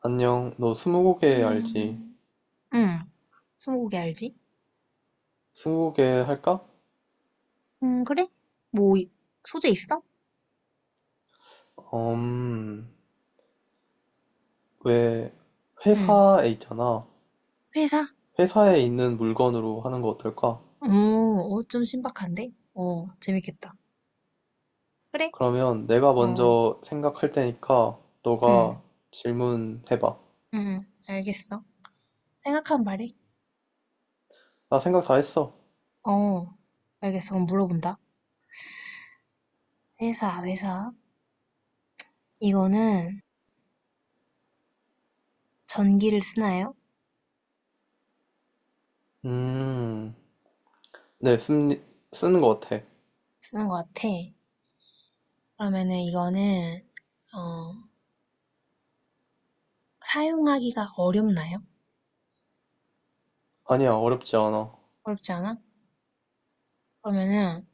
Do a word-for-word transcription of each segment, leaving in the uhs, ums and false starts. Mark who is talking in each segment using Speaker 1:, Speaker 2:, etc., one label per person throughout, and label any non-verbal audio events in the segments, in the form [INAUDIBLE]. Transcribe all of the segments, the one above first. Speaker 1: 안녕, 너 스무고개 알지?
Speaker 2: 안녕. 응, 스무고개 알지?
Speaker 1: 스무고개 할까?
Speaker 2: 음, 그래? 뭐, 이- 소재 있어?
Speaker 1: 음, 왜,
Speaker 2: 응,
Speaker 1: 회사에 있잖아.
Speaker 2: 회사?
Speaker 1: 회사에 있는 물건으로 하는 거 어떨까?
Speaker 2: 어, 어, 좀 신박한데? 어, 재밌겠다. 그래?
Speaker 1: 그러면 내가
Speaker 2: 어,
Speaker 1: 먼저 생각할 테니까
Speaker 2: 응,
Speaker 1: 너가 질문해봐.
Speaker 2: 응, 알겠어. 생각하면 말해.
Speaker 1: 나 생각 다 했어.
Speaker 2: 어, 알겠어. 그럼 물어본다. 회사, 회사. 이거는 전기를 쓰나요?
Speaker 1: 음, 네, 쓴, 쓰는 거 같아.
Speaker 2: 쓰는 것 같아. 그러면은 이거는, 어, 사용하기가 어렵나요?
Speaker 1: 아니야, 어렵지 않아.
Speaker 2: 어렵지 않아? 그러면은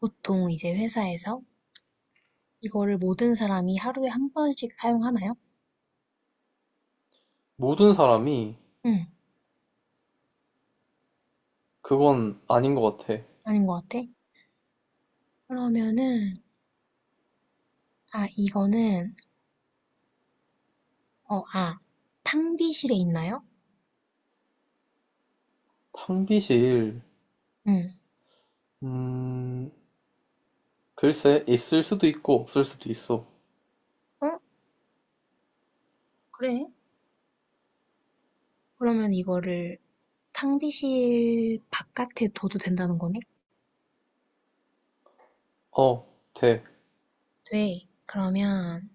Speaker 2: 보통 이제 회사에서 이거를 모든 사람이 하루에 한 번씩 사용하나요?
Speaker 1: 모든 사람이
Speaker 2: 응,
Speaker 1: 그건 아닌 거 같아.
Speaker 2: 아닌 것 같아. 그러면은, 아, 이거는, 어, 아, 탕비실에 있나요?
Speaker 1: 탕비실,
Speaker 2: 응,
Speaker 1: 음, 글쎄, 있을 수도 있고 없을 수도 있어.
Speaker 2: 어? 그래. 그러면 이거를 탕비실 바깥에 둬도 된다는 거네?
Speaker 1: 어, 돼.
Speaker 2: 돼. 그러면,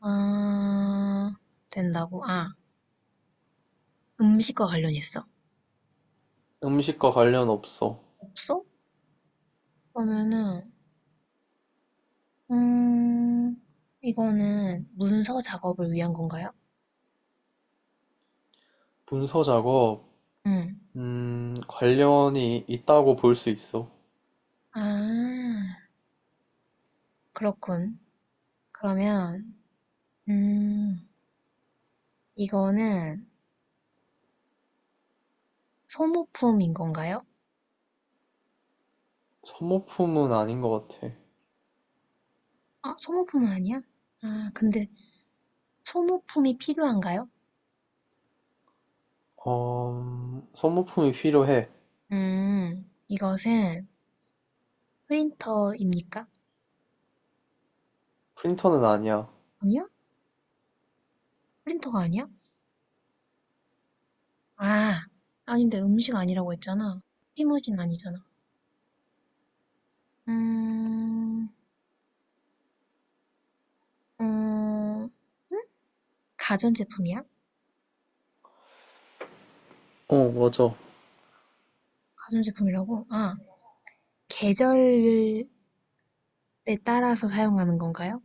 Speaker 2: 아, 된다고? 아, 음식과 관련있어.
Speaker 1: 음식과 관련 없어.
Speaker 2: 없어? 그러면은, 음, 이거는 문서 작업을 위한 건가요?
Speaker 1: 문서 작업,
Speaker 2: 응.
Speaker 1: 음, 관련이 있다고 볼 수 있어.
Speaker 2: 아, 그렇군. 그러면 음, 이거는 소모품인 건가요?
Speaker 1: 소모품은 아닌 것 같아.
Speaker 2: 아, 소모품은 아니야? 아, 근데 소모품이 필요한가요?
Speaker 1: 어, 소모품이 필요해.
Speaker 2: 음, 이것은 프린터입니까?
Speaker 1: 프린터는 아니야.
Speaker 2: 아니야? 프린터가 아니야? 아, 아닌데 음식 아니라고 했잖아. 피무진 아니잖아. 음, 음, 가전제품이야?
Speaker 1: 어, 맞아.
Speaker 2: 가전제품이라고? 아, 계절에 따라서 사용하는 건가요?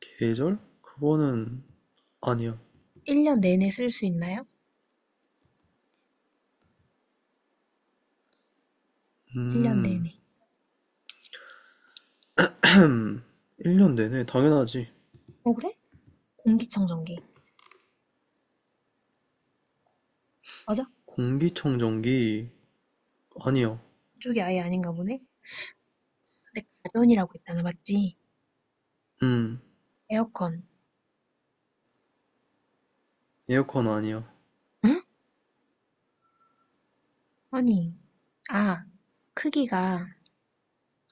Speaker 1: 계절? 그거는 아니야.
Speaker 2: 일 년 내내 쓸 수 있나요? 일 년
Speaker 1: 음,
Speaker 2: 내내.
Speaker 1: 음, 일 년 내내 당연하지.
Speaker 2: 어, 그래? 공기청정기. 맞아?
Speaker 1: 공기청정기 아니야.
Speaker 2: 그쪽이 아예 아닌가 보네? 근데 가전이라고 했잖아, 맞지?
Speaker 1: 음,
Speaker 2: 에어컨.
Speaker 1: 에어컨 아니야.
Speaker 2: 응? 아니. 아, 크기가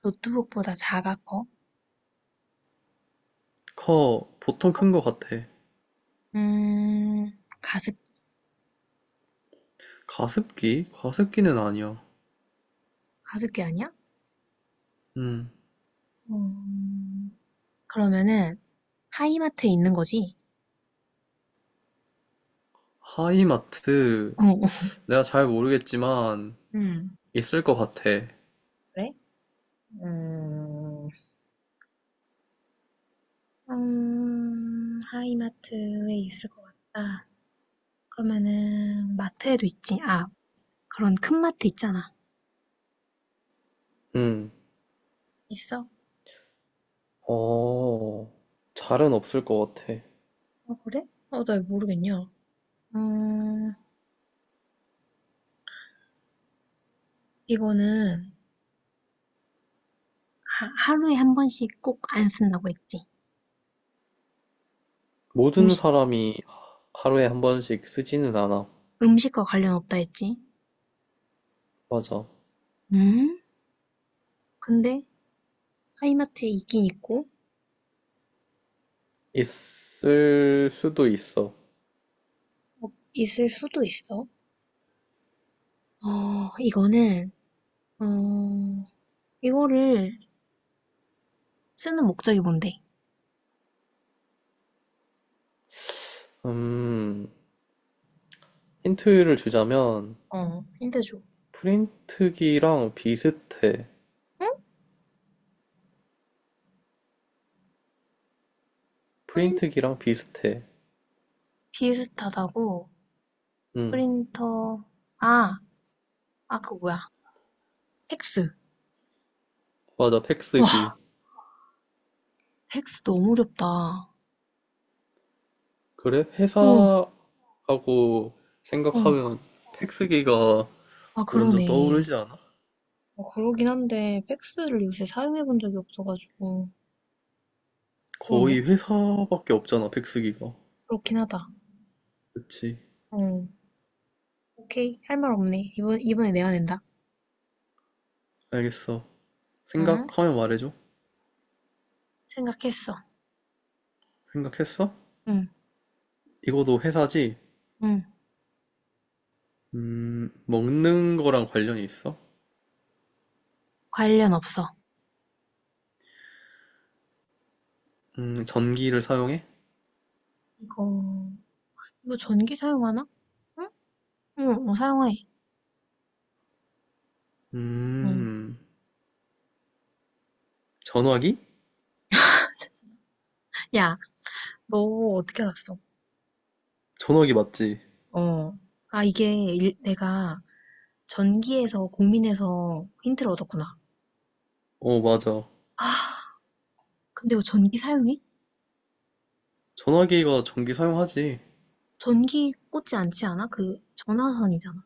Speaker 2: 노트북보다 작아 커?
Speaker 1: 커, 보통
Speaker 2: 어?
Speaker 1: 큰 것 같아.
Speaker 2: 음, 가습,
Speaker 1: 가습기? 가습기는 아니야.
Speaker 2: 가습기 아니야?
Speaker 1: 음,
Speaker 2: 음, 그러면은 하이마트에 있는 거지?
Speaker 1: 하이마트
Speaker 2: 어, 어.
Speaker 1: 내가 잘 모르겠지만
Speaker 2: 음,
Speaker 1: 있을 것 같아.
Speaker 2: 그래? 음, 음, 하이마트에 있을 것 같다. 그러면은 마트에도 있지. 아, 그런 큰 마트 있잖아.
Speaker 1: 음.
Speaker 2: 있어.
Speaker 1: 어, 잘은 없을 것 같아.
Speaker 2: 아, 그래? 어, 나 이거 모르겠냐. 음, 이거는, 하, 하루에 한 번씩 꼭 안 쓴다고 했지.
Speaker 1: 모든
Speaker 2: 음식,
Speaker 1: 사람이 하루에 한 번씩 쓰지는 않아.
Speaker 2: 음식과 관련 없다 했지.
Speaker 1: 맞아.
Speaker 2: 음? 근데, 하이마트에 있긴 있고,
Speaker 1: 있을 수도 있어.
Speaker 2: 어, 있을 수도 있어. 어, 이거는, 어, 이거를 쓰는 목적이 뭔데?
Speaker 1: 음, 힌트를 주자면
Speaker 2: 어, 힌트 줘.
Speaker 1: 프린트기랑 비슷해.
Speaker 2: 응? 프린,
Speaker 1: 프린트기랑 비슷해.
Speaker 2: 비슷하다고,
Speaker 1: 응
Speaker 2: 프린터, 아, 아, 그거 뭐야. 팩스.
Speaker 1: 맞아. 팩스기.
Speaker 2: 와, 팩스 너무 어렵다.
Speaker 1: 그래?
Speaker 2: 응,
Speaker 1: 회사하고
Speaker 2: 응.
Speaker 1: 생각하면 팩스기가
Speaker 2: 아,
Speaker 1: 먼저
Speaker 2: 그러네.
Speaker 1: 떠오르지 않아?
Speaker 2: 어, 그러긴 한데 팩스를 요새 사용해 본 적이 없어가지고 그러네.
Speaker 1: 거의 회사밖에 없잖아, 백수기가.
Speaker 2: 그렇긴 하다.
Speaker 1: 그치.
Speaker 2: 응. 오케이. 할 말 없네. 이번 이번에 내가 낸다.
Speaker 1: 알겠어.
Speaker 2: 응?
Speaker 1: 생각하면 말해줘.
Speaker 2: 생각했어.
Speaker 1: 생각했어?
Speaker 2: 응.
Speaker 1: 이거도 회사지?
Speaker 2: 응.
Speaker 1: 음, 먹는 거랑 관련이 있어?
Speaker 2: 관련 없어.
Speaker 1: 음, 전기를 사용해?
Speaker 2: 이거 이거 전기 사용하나? 응? 응. 어, 사용해. 응.
Speaker 1: 음, 전화기?
Speaker 2: 야, 너 어떻게 알았어?
Speaker 1: 전화기 맞지?
Speaker 2: 어. 아, 이게 일- 내가 전기에서 고민해서 힌트를 얻었구나.
Speaker 1: 어, 맞아.
Speaker 2: 아, 근데 이거 전기 사용해?
Speaker 1: 전화기가 전기 사용하지.
Speaker 2: 전기 꽂지 않지 않아? 그 전화선이잖아.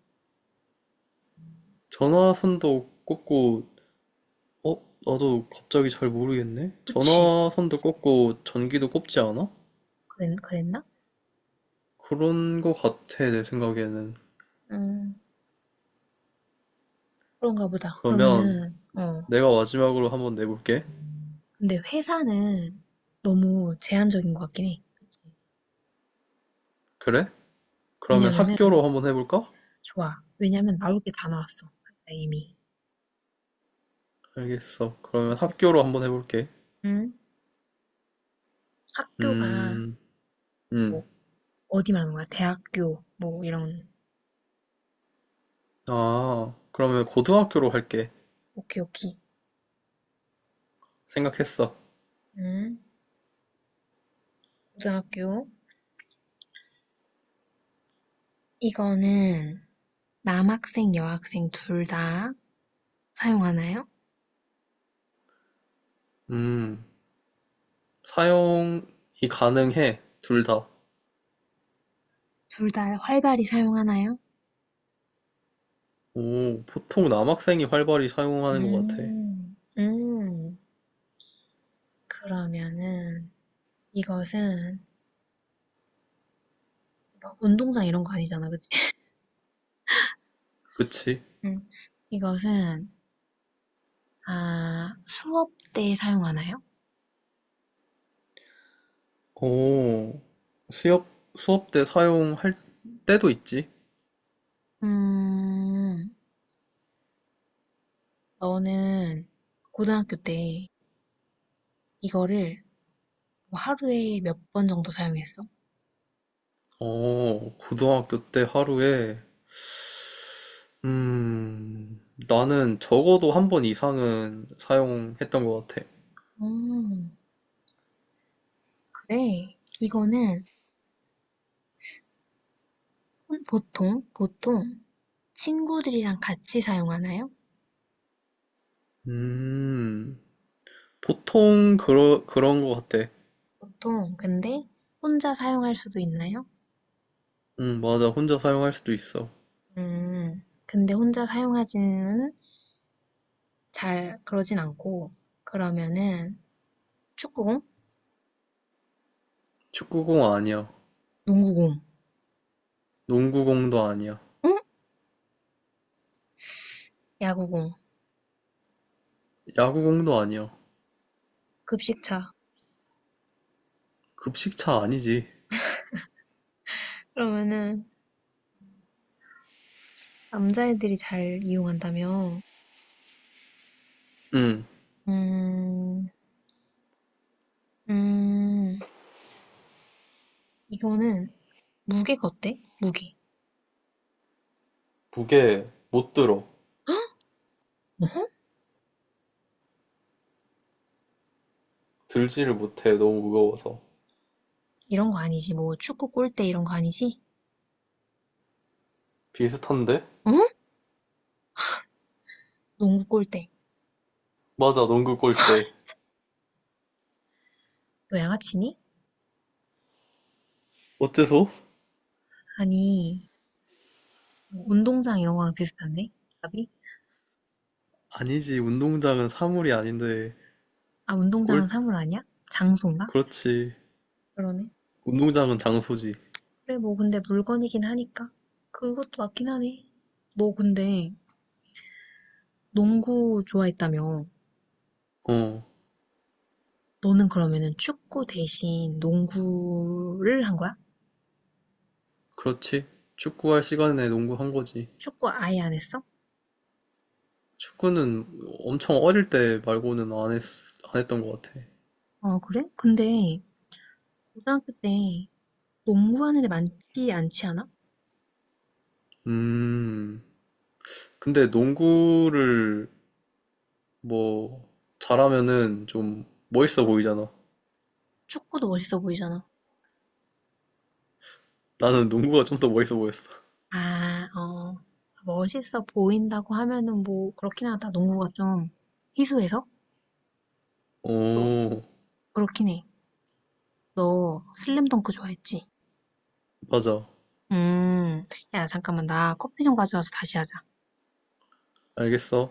Speaker 1: 전화선도 꽂고, 어? 나도 갑자기 잘 모르겠네?
Speaker 2: 그치.
Speaker 1: 전화선도 꽂고, 전기도 꽂지 않아?
Speaker 2: 그랬, 그랬나?
Speaker 1: 그런 거 같아, 내 생각에는.
Speaker 2: 음, 그런가 보다.
Speaker 1: 그러면,
Speaker 2: 그러면은, 어.
Speaker 1: 내가 마지막으로 한번 내볼게.
Speaker 2: 근데 회사는 너무 제한적인 것 같긴 해. 그치.
Speaker 1: 그래? 그러면
Speaker 2: 왜냐면은, 우리-
Speaker 1: 학교로 한번 해볼까?
Speaker 2: 좋아. 왜냐면 나올 게 다 나왔어. 회사 이미.
Speaker 1: 알겠어.
Speaker 2: 음,
Speaker 1: 그러면
Speaker 2: 음.
Speaker 1: 학교로 한번 해볼게.
Speaker 2: 음? 학교가,
Speaker 1: 음, 음.
Speaker 2: 뭐, 어디 말하는 거야? 대학교, 뭐, 이런.
Speaker 1: 아, 그러면 고등학교로 할게.
Speaker 2: 오케이, 오케이.
Speaker 1: 생각했어.
Speaker 2: 음? 고등학교. 이거는 남학생, 여학생 둘 다 사용하나요?
Speaker 1: 음, 사용이 가능해. 둘 다.
Speaker 2: 둘 다 활발히 사용하나요?
Speaker 1: 오, 보통 남학생이 활발히 사용하는 것 같아.
Speaker 2: 음, 음. 그러면은 이것은 막 운동장 이런 거 아니잖아, 그치?
Speaker 1: 그치?
Speaker 2: [LAUGHS] 응. 이것은 아, 수업 때 사용하나요?
Speaker 1: 오, 수업, 수업 때 사용할 때도 있지.
Speaker 2: 음, 너는 고등학교 때 이거를 뭐 하루에 몇 번 정도 사용했어?
Speaker 1: 어, 고등학교 때 하루에 음, 나는 적어도 한 번 이상은 사용했던 것 같아.
Speaker 2: 음, 그래. 이거는 혼- 보통, 보통 친구들이랑 같이 사용하나요?
Speaker 1: 음, 보통 그러, 그런 것 같아.
Speaker 2: 보통, 근데 혼자 사용할 수도 있나요?
Speaker 1: 응 맞아. 혼자 사용할 수도 있어.
Speaker 2: 음, 근데 혼자 사용하지는 잘 그러진 않고 그러면은 축구공,
Speaker 1: 축구공 아니야.
Speaker 2: 농구공,
Speaker 1: 농구공도 아니야.
Speaker 2: 응? 야구공,
Speaker 1: 야구공도 아니야.
Speaker 2: 급식차.
Speaker 1: 급식차 아니지.
Speaker 2: 그러면은 남자애들이 잘 이용한다며.
Speaker 1: 음,
Speaker 2: 음, 음, 이거는 무게가 어때? 무게.
Speaker 1: 무게 못 들어.
Speaker 2: 어,
Speaker 1: 들지를 못해. 너무 무거워서.
Speaker 2: 이런 거 아니지. 뭐 축구 골대 이런 거 아니지?
Speaker 1: 비슷한데?
Speaker 2: 어? 농구 골대.
Speaker 1: 맞아. 농구 골대.
Speaker 2: 너 양아치니?
Speaker 1: 어째서?
Speaker 2: 아니, 뭐 운동장 이런 거랑 비슷한데? 답이?
Speaker 1: 아니지. 운동장은 사물이 아닌데.
Speaker 2: 아, 운동장은
Speaker 1: 골,
Speaker 2: 사물 아니야? 장소인가?
Speaker 1: 그렇지.
Speaker 2: 그러네.
Speaker 1: 운동장은 장소지.
Speaker 2: 그래, 뭐, 근데 물건이긴 하니까. 그것도 맞긴 하네. 너 근데 농구 좋아했다며.
Speaker 1: 어.
Speaker 2: 너는 그러면은 축구 대신 농구를 한 거야?
Speaker 1: 그렇지. 축구할 시간에 농구한 거지.
Speaker 2: 축구 아예 안 했어?
Speaker 1: 축구는 엄청 어릴 때 말고는 안 했, 안 했던 것 같아.
Speaker 2: 어, 그래? 근데 고등학교 때 농구하는 애 많지 않지 않아?
Speaker 1: 음, 근데 농구를 뭐 잘하면은 좀 멋있어 보이잖아.
Speaker 2: 축구도 멋있어 보이잖아.
Speaker 1: 나는 농구가 좀 더 멋있어 보였어.
Speaker 2: 아, 어. 멋있어 보인다고 하면은 뭐, 그렇긴 하다. 농구가 좀 희소해서?
Speaker 1: [LAUGHS]
Speaker 2: 또,
Speaker 1: 오,
Speaker 2: 그렇긴 해. 너 슬램덩크 좋아했지?
Speaker 1: 맞아.
Speaker 2: 음. 야, 잠깐만. 나 커피 좀 가져와서 다시 하자.
Speaker 1: 알겠어.